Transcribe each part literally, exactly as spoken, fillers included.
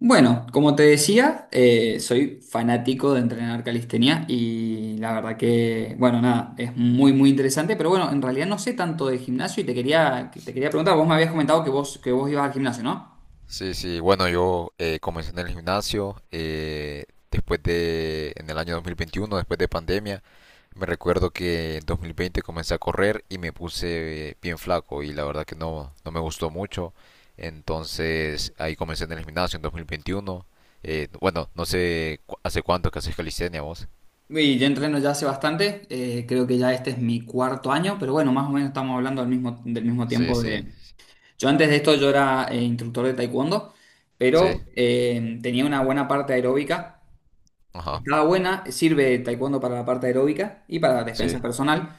Bueno, como te decía, eh, soy fanático de entrenar calistenia y la verdad que, bueno, nada, es muy, muy interesante, pero bueno, en realidad no sé tanto de gimnasio y te quería, te quería preguntar, vos me habías comentado que vos, que vos ibas al gimnasio, ¿no? Sí, sí, bueno, yo eh, comencé en el gimnasio eh, después de, en el año dos mil veintiuno después de pandemia. Me recuerdo que en dos mil veinte comencé a correr y me puse eh, bien flaco y la verdad que no, no me gustó mucho. Entonces ahí comencé en el gimnasio en dos mil veintiuno. Eh, bueno, no sé cu- hace cuánto que haces calistenia vos. Y yo entreno ya hace bastante, eh, creo que ya este es mi cuarto año, pero bueno, más o menos estamos hablando del mismo, del mismo Sí, tiempo sí, de... Yo antes de esto yo era eh, instructor de taekwondo, pero sí, eh, tenía una buena parte aeróbica. ajá, Estaba buena, sirve taekwondo para la parte aeróbica y para la defensa sí, personal,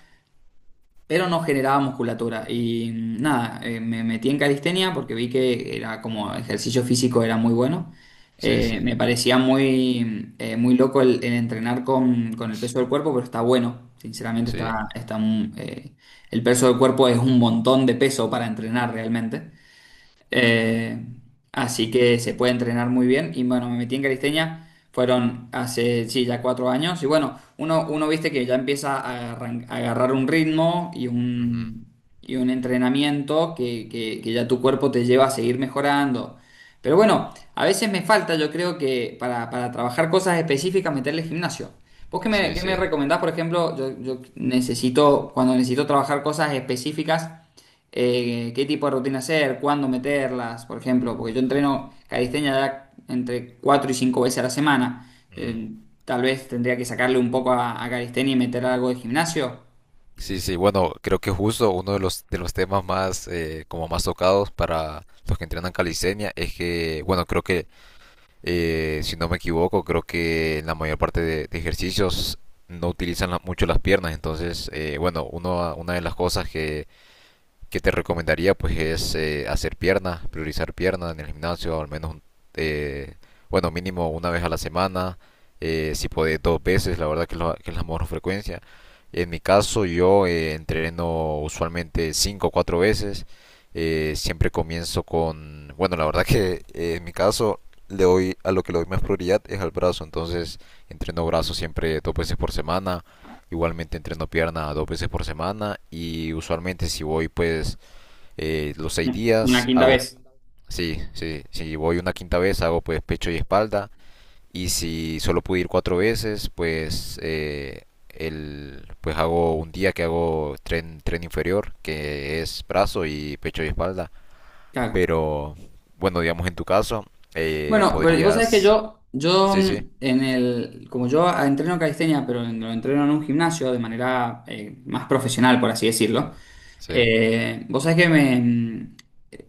pero no generaba musculatura. Y mm, nada, eh, me metí en calistenia porque vi que era como ejercicio físico era muy bueno. sí, Eh, sí, me parecía muy, eh, muy loco el, el entrenar con, con el peso del cuerpo, pero está bueno. Sinceramente sí, está, está un- eh, el peso del cuerpo es un montón de peso para entrenar realmente. Eh, así que se puede entrenar muy bien. Y bueno, me metí en calistenia. Fueron hace, sí, ya cuatro años. Y bueno, uno, uno viste que ya empieza a, arran- a agarrar un ritmo y ujú, un, y un entrenamiento que, que- que ya tu cuerpo te lleva a seguir mejorando. Pero bueno, a veces me falta, yo creo que para, para trabajar cosas específicas, meterle gimnasio. ¿Vos qué me, sí, qué me sí, recomendás, por ejemplo? Yo, yo necesito, cuando necesito trabajar cosas específicas eh, qué tipo de rutina hacer, cuándo meterlas, por ejemplo, porque yo entreno calistenia ya entre cuatro y cinco veces a la semana. ujú. Eh, tal vez tendría que sacarle un poco a, a calistenia y meter algo de gimnasio. Sí, sí, bueno, creo que justo uno de los, de los temas más, eh, como más tocados para los que entrenan calistenia es que, bueno, creo que, eh, si no me equivoco, creo que en la mayor parte de, de ejercicios no utilizan la- mucho las piernas. Entonces, eh, bueno, uno, una de las cosas que que te recomendaría pues es eh, hacer piernas, priorizar piernas en el gimnasio, al menos eh, bueno, mínimo una vez a la semana, eh, si puede dos veces, la verdad que, lo- que es la mejor frecuencia. En mi caso yo eh, entreno usualmente cinco o cuatro veces. Eh, siempre comienzo con, bueno, la verdad que eh, en mi caso, le doy a lo que le doy más prioridad es al brazo, entonces entreno brazo siempre dos veces por semana. Igualmente entreno pierna dos veces por semana, y usualmente si voy, pues eh, los seis Una días quinta hago, vez. sí, sí, si voy una quinta vez hago pues pecho y espalda, y si solo pude ir cuatro veces, pues eh, el, pues hago un día que hago tren, tren inferior que es brazo, y pecho y espalda, Claro. pero bueno, digamos en tu caso eh, Bueno, pero vos sabés que podrías. Yo, yo sí, sí. mm, en el, como yo ah, entreno calistenia, pero en- lo entreno en un gimnasio de manera eh, más profesional, por así decirlo. Sí, eh, vos sabés que me, mm,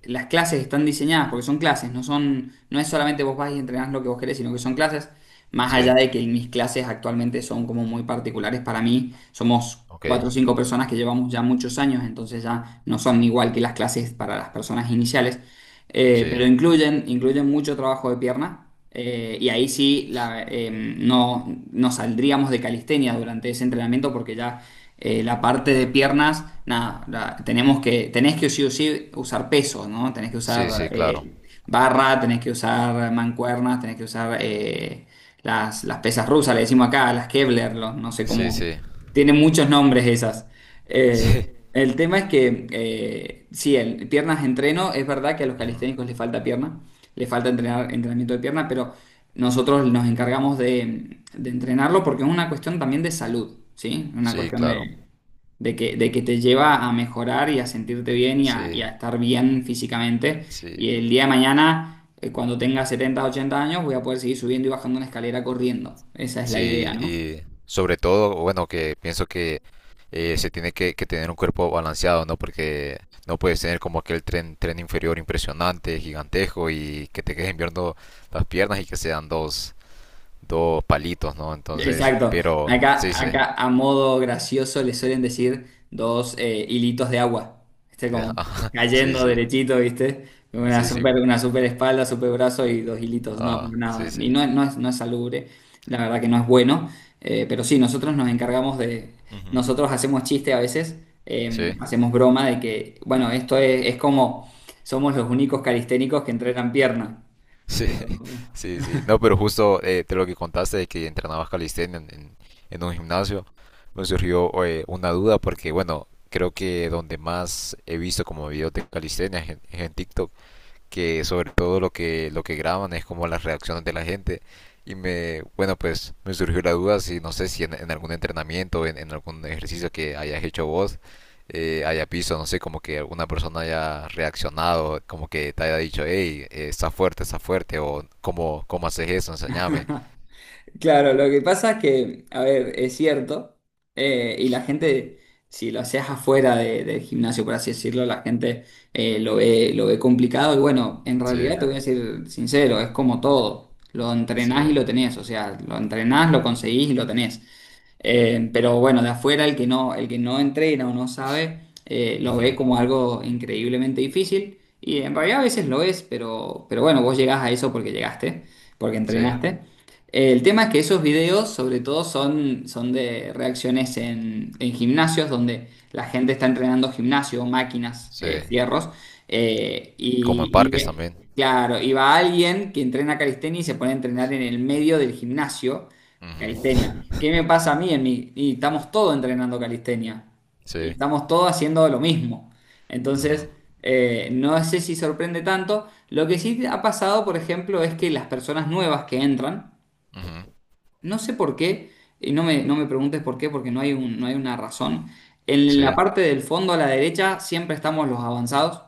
las clases están diseñadas porque son clases, no son, no es solamente vos vas y entrenás lo que vos querés, sino que son clases, más allá sí, de que mis clases actualmente son como muy particulares para mí, somos ok. cuatro o cinco personas que llevamos ya muchos años, entonces ya no son igual que las clases para las personas iniciales. Eh, pero Sí, incluyen, incluyen mucho trabajo de pierna. Eh, y ahí sí la, eh, no, no saldríamos de calistenia durante ese entrenamiento porque ya eh, la parte de piernas, nada, la- tenemos que, tenés que sí o sí usar peso, ¿no? Tenés que sí, usar sí, claro. eh, barra, tenés que usar mancuernas, tenés que usar eh, las, las pesas rusas, le decimos acá, las Kevlar, los- no sé Sí, cómo. sí. Tienen muchos nombres esas. Eh, sí. el tema es que, eh, sí, el, piernas entreno, es verdad que a los Ujú. calisténicos les falta pierna, les falta entrenar, entrenamiento de pierna, pero nosotros nos encargamos de, de entrenarlo porque es una cuestión también de salud, ¿sí? Una Sí, cuestión de, claro. de que, de que te lleva a mejorar y a sentirte bien y a, Sí, y a estar bien físicamente. Y sí. el día de mañana, eh, cuando tenga setenta ochenta años, voy a poder seguir subiendo y bajando una escalera corriendo. Esa es la idea, Sí, ¿no? y sobre todo, bueno, que pienso que eh, se tiene que, que tener un cuerpo balanceado, ¿no? Porque no puedes tener como aquel tren, tren inferior impresionante, gigantesco, y que te queden viendo las piernas y que sean dos, dos palitos, ¿no? Entonces, Exacto. pero Acá, sí, sí. acá a modo gracioso le suelen decir dos eh, hilitos de agua. Este como Ajá, sí, cayendo sí. derechito, ¿viste? Una sí, sí, super, una super espalda, super brazo y dos hilitos. No, ajá, pero sí, nada. sí, Y no, no es, no es salubre, la verdad que no es bueno. Eh, pero sí, nosotros nos encargamos de. ujú, Nosotros hacemos chiste a veces, eh, sí. hacemos broma de que, bueno, esto es, es como somos los únicos calisténicos que entrenan pierna. Sí, Pero sí, sí. No, pero justo eh, de lo que contaste, de que entrenabas calistenia en, en- en un gimnasio, me surgió eh, una duda, porque bueno, creo que donde más he visto como videos de calistenia es en, es en TikTok, que sobre todo lo que, lo que graban es como las reacciones de la gente. Y me, bueno, pues me surgió la duda si, no sé, si en, en algún entrenamiento, en, en algún ejercicio que hayas hecho vos, eh, hayas visto, no sé, como que alguna persona haya reaccionado, como que te haya dicho, hey, eh, está fuerte, está fuerte, o cómo, cómo haces eso, enséñame. claro, lo que pasa es que, a ver, es cierto, eh, y la gente, si lo haces afuera de- del gimnasio, por así decirlo, la gente eh, lo ve, lo ve complicado, y bueno, en Sí, realidad te voy a decir sincero, es como todo, lo entrenás y sí, lo tenés, o sea, lo entrenás, lo conseguís y lo tenés. Eh, pero bueno, de afuera el que no, el que no entrena o no sabe, eh, lo ujú, ve como algo increíblemente difícil. Y en realidad a veces lo es, pero, pero bueno, vos llegás a eso porque llegaste, porque sí, entrenaste. Eh, el tema es que esos videos sobre todo son, son de reacciones en, en gimnasios donde la gente está entrenando gimnasio, máquinas, eh, sí. fierros. eh, Como en y, y parques ve- también. claro, y va alguien que entrena calistenia y se pone a entrenar en el medio del gimnasio. Ujú. Calistenia. ¿Qué me pasa a mí en mi- Y estamos todos entrenando calistenia. Y Sí, estamos todos haciendo lo mismo. ujú, Entonces, eh, no sé si sorprende tanto. Lo que sí ha pasado, por ejemplo, es que las personas nuevas que entran, ujú, no sé por qué, y no me, no me preguntes por qué, porque no hay un- no hay una razón. En la sí, parte del fondo a la derecha siempre estamos los avanzados.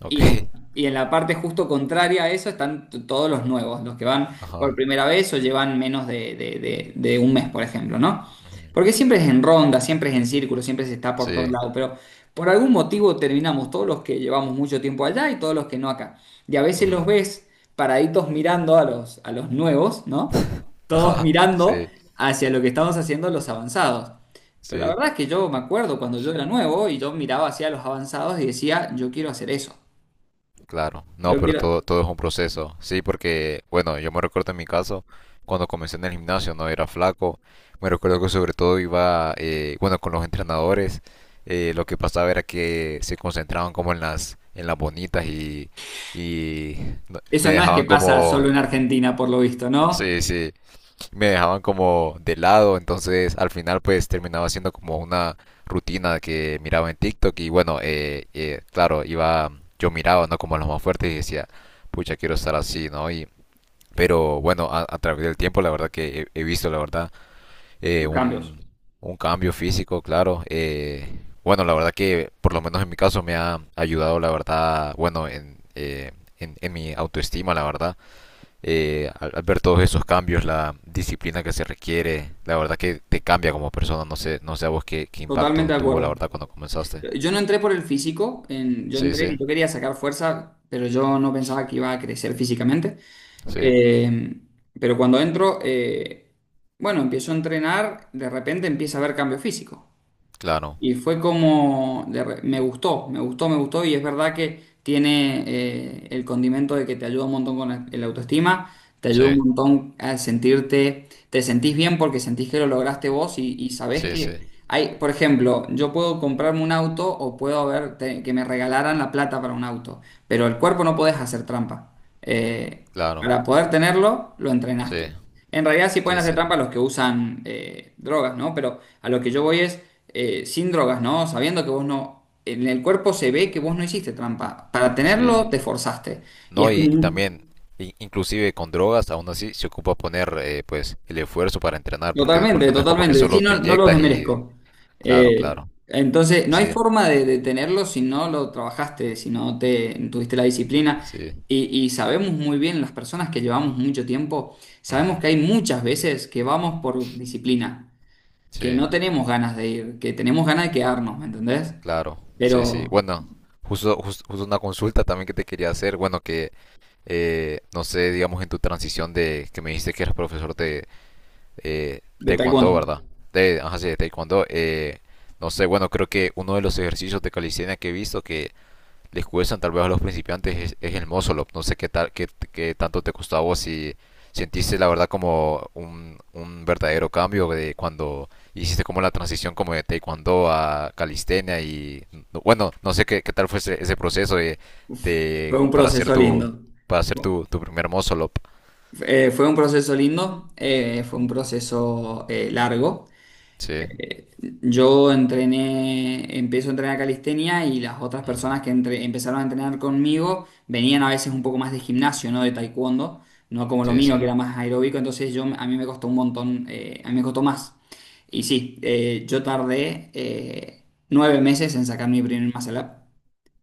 ok. Y en, y en la parte justo contraria a eso están t- todos los nuevos, los que van por Ajá. primera vez o llevan menos de, de- de- de un mes, por ejemplo, ¿no? Ujú. Porque siempre es en ronda, siempre es en círculo, siempre se está por Sí. todos lados, pero por algún motivo terminamos todos los que llevamos mucho tiempo allá y todos los que no acá. Y a veces Ujú. los ves paraditos mirando a los, a los nuevos, ¿no? Todos Ajá, mirando sí, hacia lo que estamos haciendo los avanzados. Pero la sí, verdad es que yo me acuerdo cuando yo era nuevo y yo miraba hacia los avanzados y decía, yo quiero hacer eso. claro. No, Yo pero quiero. todo, todo es un proceso. Sí, porque bueno, yo me recuerdo en mi caso, cuando comencé en el gimnasio, no era flaco. Me recuerdo que sobre todo iba, eh, bueno, con los entrenadores, eh, lo que pasaba era que se concentraban como en las, en las bonitas, y y no- me Eso no es que dejaban pasa como, solo en Argentina, por lo visto, ¿no? sí, sí, me dejaban como de lado. Entonces al final pues terminaba siendo como una rutina que miraba en TikTok. Y bueno, eh, eh, claro, iba, yo miraba, ¿no? Como a los más fuertes, y decía, pucha, quiero estar así, ¿no? Y pero bueno, a, a través del tiempo la verdad que he, he visto, la verdad, eh, Los cambios. un, un cambio físico, claro. Eh, bueno, la verdad que por lo menos en mi caso me ha ayudado, la verdad, bueno, en, eh, en, en mi autoestima, la verdad, eh, al, al ver todos esos cambios, la disciplina que se requiere, la verdad que te cambia como persona. No sé, no sé a vos qué, qué Totalmente impacto de tuvo, la acuerdo. verdad, cuando comenzaste. Yo no entré por el físico, en- yo Sí, entré sí. y yo quería sacar fuerza, pero yo no pensaba que iba a crecer físicamente. Sí, Eh, pero cuando entro, eh, bueno, empiezo a entrenar, de repente empieza a haber cambio físico. claro. Y fue como, de re- me gustó, me gustó, me gustó y es verdad que tiene eh, el condimento de que te ayuda un montón con la, el autoestima, te ayuda Sí, un montón a sentirte, te sentís bien porque sentís que lo lograste vos y, y sabés sí. que Sí, hay, por ejemplo, yo puedo comprarme un auto o puedo haber te- que me regalaran la plata para un auto, pero el cuerpo no podés hacer trampa. Eh, claro. para poder tenerlo, lo Sí, entrenaste. En realidad sí pueden sí. hacer trampa Sí, los que usan eh, drogas, ¿no? Pero a lo que yo voy es eh, sin drogas, ¿no? Sabiendo que vos no... En el cuerpo se ve que vos no hiciste trampa. Para sí. tenerlo te forzaste. Y es No, y, como... y un- también, i- inclusive con drogas, aún así se ocupa poner, eh, pues, el esfuerzo para entrenar, porque, Totalmente, porque no es como que totalmente. Sí, solo te no, no los inyectas y... desmerezco. Claro, Eh, claro, entonces, no hay sí, forma de, de tenerlo si no lo trabajaste, si no te tuviste la disciplina. sí, Y, y sabemos muy bien, las personas que llevamos mucho tiempo, sabemos ujú, que hay muchas veces que vamos por disciplina, que sí. no tenemos ganas de ir, que tenemos ganas de quedarnos, ¿me entendés? Claro, sí, sí. Pero Bueno, justo, jus- justo una consulta también que te quería hacer. Bueno, que eh, no sé, digamos en tu transición de que me dijiste que eras profesor de eh, de taekwondo, taekwondo. ¿verdad? De, ajá, sí, de taekwondo. eh, no sé, bueno, creo que uno de los ejercicios de calistenia que he visto que les descuestan tal vez a los principiantes es, es el Mozolop. No sé qué, tal, qué, qué tanto te costó a vos, si sentiste la verdad como un, un verdadero cambio de cuando hiciste como la transición como de taekwondo a calistenia. Y no, bueno, no sé qué, qué tal fue ese, ese proceso de, Uf, fue de- un para hacer proceso tu lindo. para hacer Fu- tu, tu primer Mozolop. Eh, fue un proceso lindo, eh, fue un proceso eh, largo. Sí. Eh, Yo entrené, empiezo a entrenar calistenia y las otras Ujú. personas que entre- empezaron a entrenar conmigo venían a veces un poco más de gimnasio, no de taekwondo, no como lo Sí, sí. mío que era más aeróbico, entonces yo a mí me costó un montón, eh, a mí me costó más. Y sí, eh, yo tardé eh, nueve meses en sacar mi primer muscle up.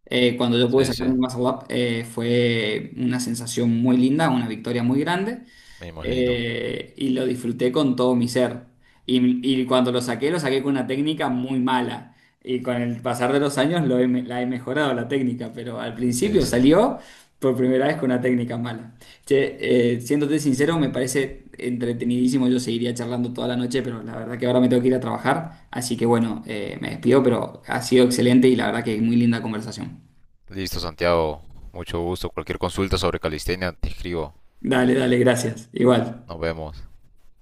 Eh, cuando yo pude Sí, sí. sacar mi WhatsApp eh, fue una sensación muy linda, una victoria muy grande Me imagino. eh, y lo disfruté con todo mi ser. Y, y cuando lo saqué, lo saqué con una técnica muy mala. Y con el pasar de los años lo he me- la he mejorado la técnica, pero al Sí, principio sí. salió por primera vez con una técnica mala. Che, eh, siéndote sincero, me parece entretenidísimo. Yo seguiría charlando toda la noche, pero la verdad que ahora me tengo que ir a trabajar. Así que bueno, eh, me despido, pero ha sido excelente y la verdad que muy linda conversación. Listo, Santiago. Mucho gusto. Cualquier consulta sobre calistenia, te escribo. Dale, dale, gracias. Igual. Nos vemos.